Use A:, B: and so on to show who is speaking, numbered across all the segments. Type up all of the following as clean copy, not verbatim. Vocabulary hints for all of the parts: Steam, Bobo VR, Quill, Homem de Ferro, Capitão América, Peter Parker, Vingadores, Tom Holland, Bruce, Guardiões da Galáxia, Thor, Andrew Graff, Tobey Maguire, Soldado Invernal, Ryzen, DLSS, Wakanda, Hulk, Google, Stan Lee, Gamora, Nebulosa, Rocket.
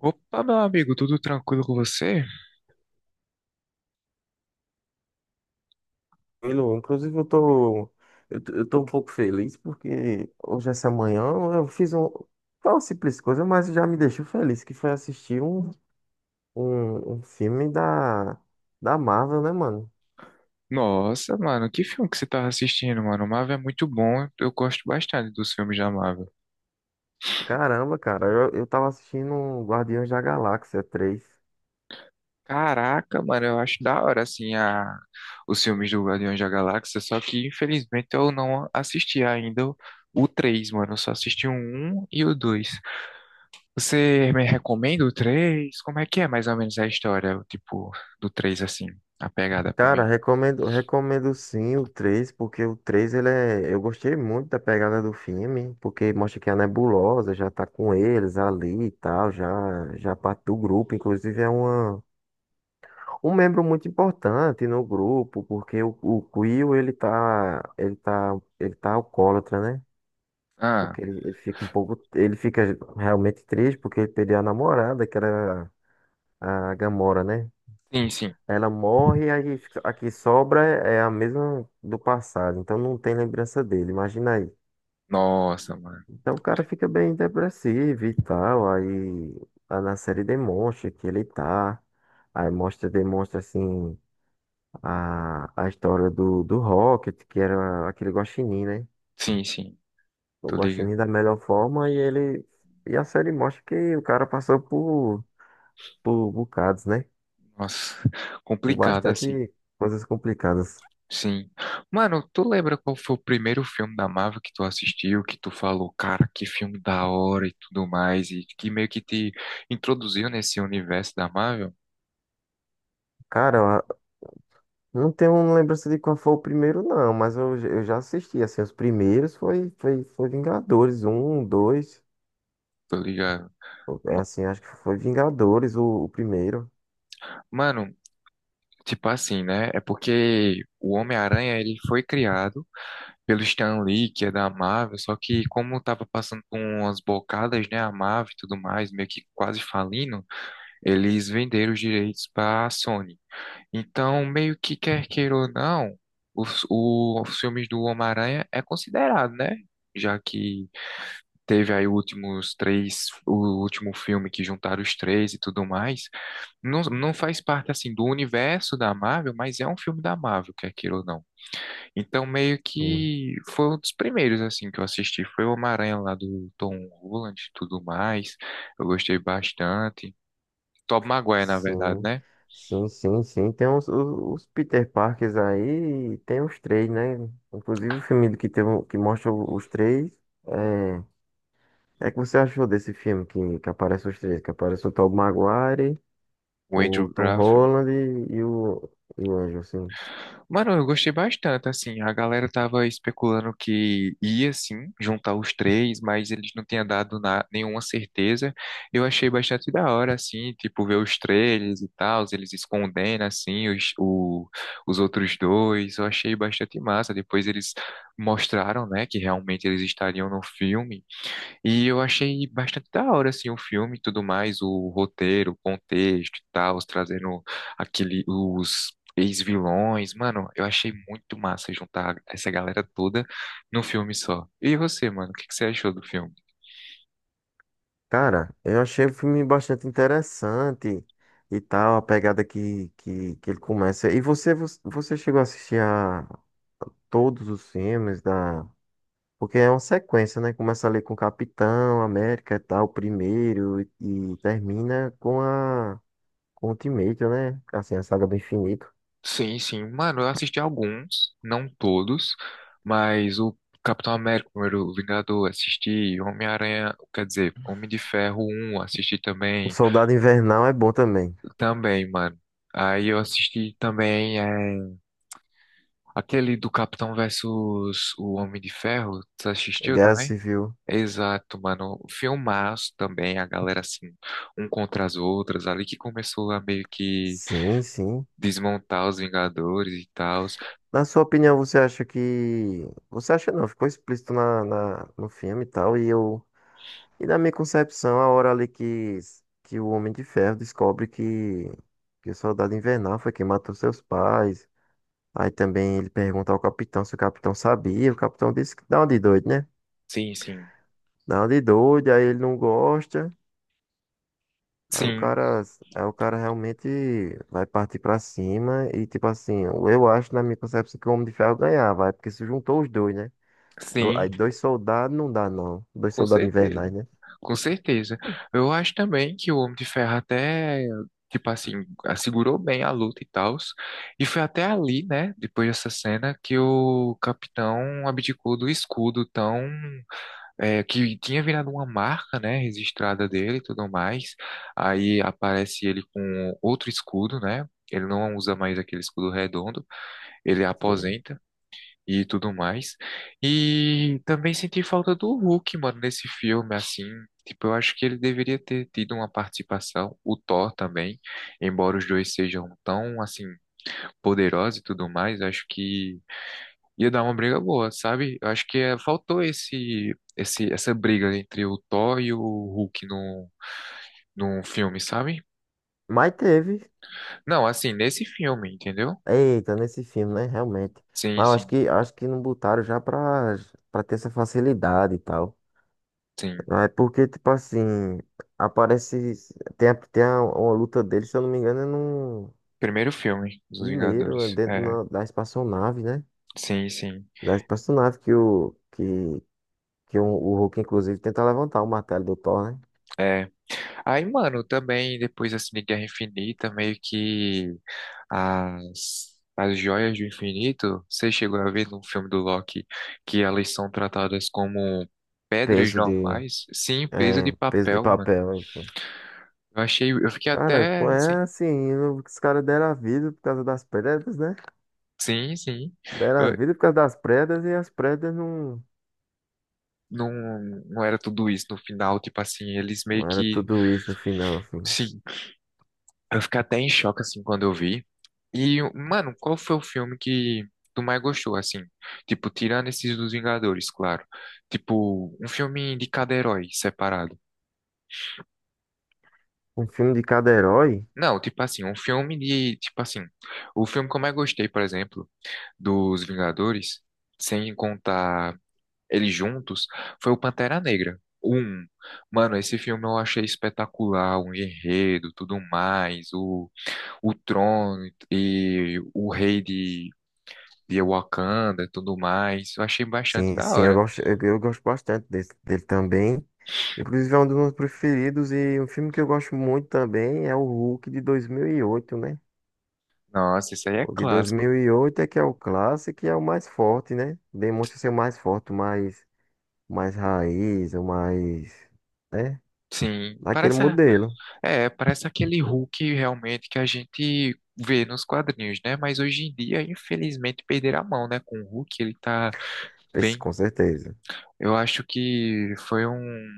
A: Opa, meu amigo, tudo tranquilo com você?
B: Tranquilo. Inclusive, eu tô um pouco feliz porque hoje, essa manhã, eu fiz um, foi uma simples coisa, mas já me deixou feliz, que foi assistir um filme da Marvel, né, mano?
A: Nossa, mano, que filme que você tava assistindo, mano? O Marvel é muito bom, eu gosto bastante dos filmes da Marvel.
B: Caramba, cara, eu tava assistindo um Guardiões da Galáxia três.
A: Caraca, mano, eu acho da hora, assim, os filmes do Guardiões da Galáxia, só que infelizmente eu não assisti ainda o 3, mano, eu só assisti o 1 e o 2. Você me recomenda o 3? Como é que é mais ou menos a história, o tipo, do três assim, a pegada pra
B: Cara,
A: mim?
B: recomendo, recomendo sim o 3 porque o 3 ele é, eu gostei muito da pegada do filme, porque mostra que a Nebulosa já tá com eles ali e tal, já, já parte do grupo, inclusive é uma um membro muito importante no grupo, porque o Quill, ele tá alcoólatra, né?
A: Ah,
B: Porque ele fica realmente triste porque ele perdeu a namorada, que era a Gamora, né?
A: sim, sim.
B: Ela morre, a que sobra é a mesma do passado, então não tem lembrança dele, imagina aí.
A: Nossa, mano.
B: Então o cara fica bem depressivo e tal, aí na série demonstra que ele tá, aí mostra, demonstra assim a história do Rocket, que era aquele guaxinim, né?
A: Sim, sim,
B: O
A: tô ligado.
B: guaxinim da melhor forma e ele. E a série mostra que o cara passou por bocados, né?
A: Nossa,
B: Por
A: complicado, assim.
B: bastante coisas complicadas.
A: Sim. Mano, tu lembra qual foi o primeiro filme da Marvel que tu assistiu, que tu falou, cara, que filme da hora e tudo mais, e que meio que te introduziu nesse universo da Marvel?
B: Cara, eu não tenho lembrança de qual foi o primeiro, não, mas eu já assisti, assim, os primeiros foi Vingadores, um, dois,
A: Tô ligado.
B: é
A: Ma-
B: assim, acho que foi Vingadores o primeiro.
A: Mano, tipo assim, né? É porque o Homem-Aranha, ele foi criado pelo Stan Lee, que é da Marvel, só que como tava passando por umas bocadas, né, a Marvel e tudo mais, meio que quase falindo, eles venderam os direitos pra Sony. Então, meio que quer queira ou não, os filmes do Homem-Aranha é considerado, né? Já que teve aí últimos três, o último filme que juntaram os três e tudo mais. Não, não faz parte, assim, do universo da Marvel, mas é um filme da Marvel, quer queira ou não. Então, meio
B: Um.
A: que foi um dos primeiros, assim, que eu assisti. Foi o Homem-Aranha lá do Tom Holland e tudo mais. Eu gostei bastante. Tobey Maguire, na verdade,
B: Sim,
A: né?
B: sim, sim, sim. Tem os Peter Parkers aí, e tem os três, né? Inclusive o filme do que, que mostra os três. É, é que você achou desse filme que aparece os três? Que aparece o Tobey Maguire,
A: O Andrew
B: o Tom
A: Graff.
B: Holland e o Anjo, assim.
A: Mano, eu gostei bastante, assim, a galera tava especulando que ia, sim, juntar os três, mas eles não tinham dado nenhuma certeza. Eu achei bastante da hora, assim, tipo, ver os trailers e tal, eles escondendo, assim, os outros dois, eu achei bastante massa. Depois eles mostraram, né, que realmente eles estariam no filme, e eu achei bastante da hora, assim, o filme e tudo mais, o roteiro, o contexto e tal, os trazendo aquele, os ex-vilões. Mano, eu achei muito massa juntar essa galera toda num filme só. E você, mano, o que que você achou do filme?
B: Cara, eu achei o filme bastante interessante e tal, a pegada que ele começa. E você chegou a assistir a todos os filmes da. Porque é uma sequência, né? Começa ali com o Capitão América e tal, o primeiro, e termina com o Ultimate, né? Assim, a saga do infinito.
A: Sim, sim, mano, eu assisti alguns, não todos, mas o Capitão América, o primeiro Vingador, assisti, Homem-Aranha, quer dizer, Homem de Ferro um assisti
B: O
A: também,
B: Soldado Invernal é bom também.
A: também, mano. Aí eu assisti também aquele do Capitão versus o Homem de Ferro, tu
B: É
A: assistiu
B: Guerra
A: também?
B: Civil.
A: Exato, mano. Filmaço também, a galera assim, um contra as outras, ali que começou a meio que
B: Sim, sim.
A: desmontar os Vingadores e tal.
B: Na sua opinião, você acha que. Você acha não, ficou explícito no filme e tal, e eu. E na minha concepção, a hora ali que o Homem de Ferro descobre que o Soldado Invernal foi quem matou seus pais. Aí também ele pergunta ao capitão se o capitão sabia. O capitão disse que dá uma de doido, né?
A: Sim, sim.
B: Dá uma de doido, aí ele não gosta. Aí o
A: Sim,
B: cara, Aí o cara realmente vai partir pra cima e tipo assim, eu acho na minha concepção que o Homem de Ferro ganhava, vai, porque se juntou os dois, né?
A: sim.
B: Aí dois soldados não dá não, dois
A: Com
B: soldados
A: certeza.
B: invernais, né?
A: Com certeza. Eu acho também que o Homem de Ferro até, tipo assim, assegurou bem a luta e tal. E foi até ali, né, depois dessa cena, que o capitão abdicou do escudo tão, é, que tinha virado uma marca, né, registrada dele e tudo mais. Aí aparece ele com outro escudo, né? Ele não usa mais aquele escudo redondo. Ele
B: Sim.
A: aposenta e tudo mais. E também senti falta do Hulk, mano, nesse filme, assim. Tipo, eu acho que ele deveria ter tido uma participação, o Thor também, embora os dois sejam tão, assim, poderosos e tudo mais, acho que ia dar uma briga boa, sabe? Eu acho que faltou essa briga entre o Thor e o Hulk num filme, sabe?
B: Mas teve,
A: Não, assim, nesse filme, entendeu?
B: eita, nesse filme, né? Realmente.
A: Sim,
B: Mas eu acho
A: sim,
B: que acho que não botaram já pra ter essa facilidade e tal.
A: sim.
B: Ah, é porque, tipo assim, aparece. Uma luta dele, se eu não me engano, é no
A: Primeiro filme dos
B: primeiro, é
A: Vingadores.
B: dentro
A: É,
B: da espaçonave, né?
A: sim, sim.
B: Da espaçonave que o Hulk, inclusive, tenta levantar o martelo do Thor, né?
A: É. Aí, mano, também depois assim de Guerra Infinita, meio que as joias do infinito, você chegou a ver no filme do Loki que elas são tratadas como pedras
B: Peso de.
A: normais, sim, peso de
B: É, peso de
A: papel, mano.
B: papel, isso.
A: Eu achei, eu fiquei
B: Cara,
A: até assim,
B: é assim, os caras deram a vida por causa das pedras, né?
A: sim, sim.
B: Deram a
A: Eu,
B: vida por causa das pedras e as pedras não,
A: não, não era tudo isso no final, tipo assim, eles meio
B: não era
A: que,
B: tudo isso no final, assim.
A: sim, eu fiquei até em choque assim quando eu vi. E, mano, qual foi o filme que tu mais gostou, assim? Tipo, tirando esses dos Vingadores, claro. Tipo, um filme de cada herói separado.
B: Um filme de cada herói.
A: Não, tipo assim, um filme de, tipo assim, o filme que eu mais gostei, por exemplo, dos Vingadores, sem contar eles juntos, foi o Pantera Negra. Um, mano, esse filme eu achei espetacular, o enredo, tudo mais, o trono e o rei de via Wakanda e tudo mais. Eu achei bastante
B: Sim,
A: da
B: sim, eu
A: hora.
B: gosto, eu gosto bastante dele também. Inclusive é um dos meus preferidos e um filme que eu gosto muito também é o Hulk de 2008, né?
A: Nossa, isso aí é
B: O de dois
A: clássico.
B: mil e oito é que é o clássico e é o mais forte, né? Demonstra ser o mais forte, o mais raiz, o mais, né?
A: Sim,
B: Daquele
A: parece,
B: modelo,
A: é, parece aquele Hulk realmente que a gente vê nos quadrinhos, né? Mas hoje em dia, infelizmente, perderam a mão, né? Com o Hulk, ele tá
B: esse,
A: bem.
B: com certeza.
A: Eu acho que foi um,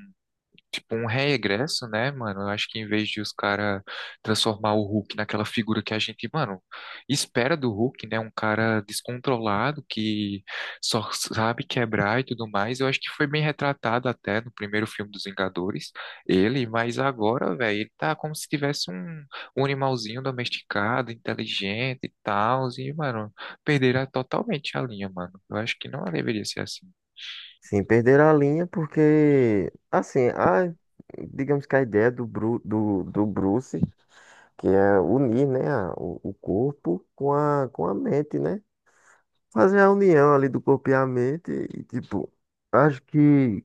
A: tipo um regresso, né, mano? Eu acho que em vez de os caras transformar o Hulk naquela figura que a gente, mano, espera do Hulk, né? Um cara descontrolado que só sabe quebrar e tudo mais. Eu acho que foi bem retratado até no primeiro filme dos Vingadores, ele, mas agora, velho, ele tá como se tivesse um, um animalzinho domesticado, inteligente e tal, e, mano, perderá totalmente a linha, mano. Eu acho que não deveria ser assim.
B: Sim, perderam a linha porque, assim, digamos que a ideia do Bruce que é unir, né, o corpo com a mente, né? Fazer a união ali do corpo e a mente e, tipo, acho que,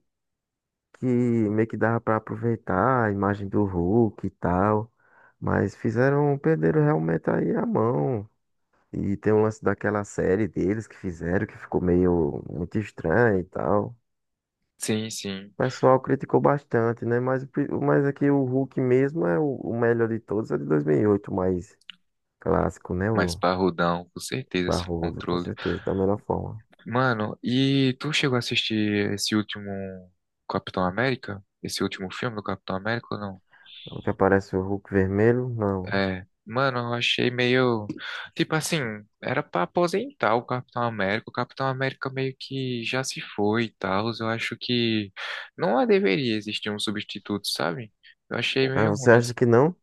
B: que meio que dava pra aproveitar a imagem do Hulk e tal, mas fizeram, perderam realmente aí a mão. E tem um lance daquela série deles que fizeram, que ficou meio muito estranho e tal.
A: Sim, sim,
B: O pessoal criticou bastante, né? Mas aqui o Hulk mesmo é o melhor de todos, é de 2008, o mais clássico, né?
A: mas parrudão, com certeza, sem
B: Barroso, com
A: controle.
B: certeza, da melhor forma.
A: Mano, e tu chegou a assistir esse último Capitão América? Esse último filme do Capitão América ou não?
B: É o que aparece o Hulk vermelho? Não.
A: É. Mano, eu achei meio. Tipo assim, era pra aposentar o Capitão América. O Capitão América meio que já se foi e tal. Eu acho que não deveria existir um substituto, sabe? Eu achei
B: Ah,
A: meio
B: você
A: ruim
B: acha
A: assim.
B: que não?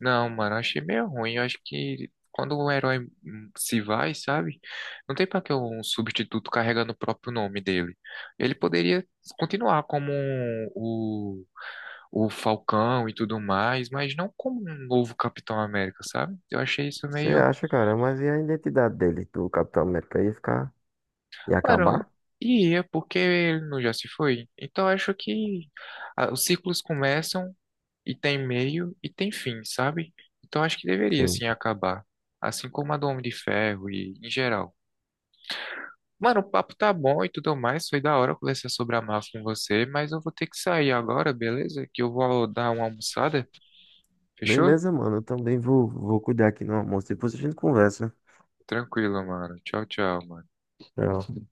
A: Não, mano, eu achei meio ruim. Eu acho que quando o herói se vai, sabe? Não tem pra que um substituto carregando o próprio nome dele. Ele poderia continuar como o Falcão e tudo mais, mas não como um novo Capitão América, sabe? Eu achei isso
B: Você
A: meio.
B: acha, cara, mas e a identidade dele, do Capitão América, ia
A: Mano,
B: acabar?
A: ia, porque ele não já se foi. Então eu acho que ah, os ciclos começam e tem meio e tem fim, sabe? Então acho que deveria
B: Sim.
A: sim acabar. Assim como a do Homem de Ferro e em geral. Mano, o papo tá bom e tudo mais. Foi da hora conversar sobre a máfia com você, mas eu vou ter que sair agora, beleza? Que eu vou dar uma almoçada. Fechou?
B: Beleza, mano, eu também vou cuidar aqui no almoço, depois a gente conversa.
A: Tranquilo, mano. Tchau, tchau, mano.
B: Tchau.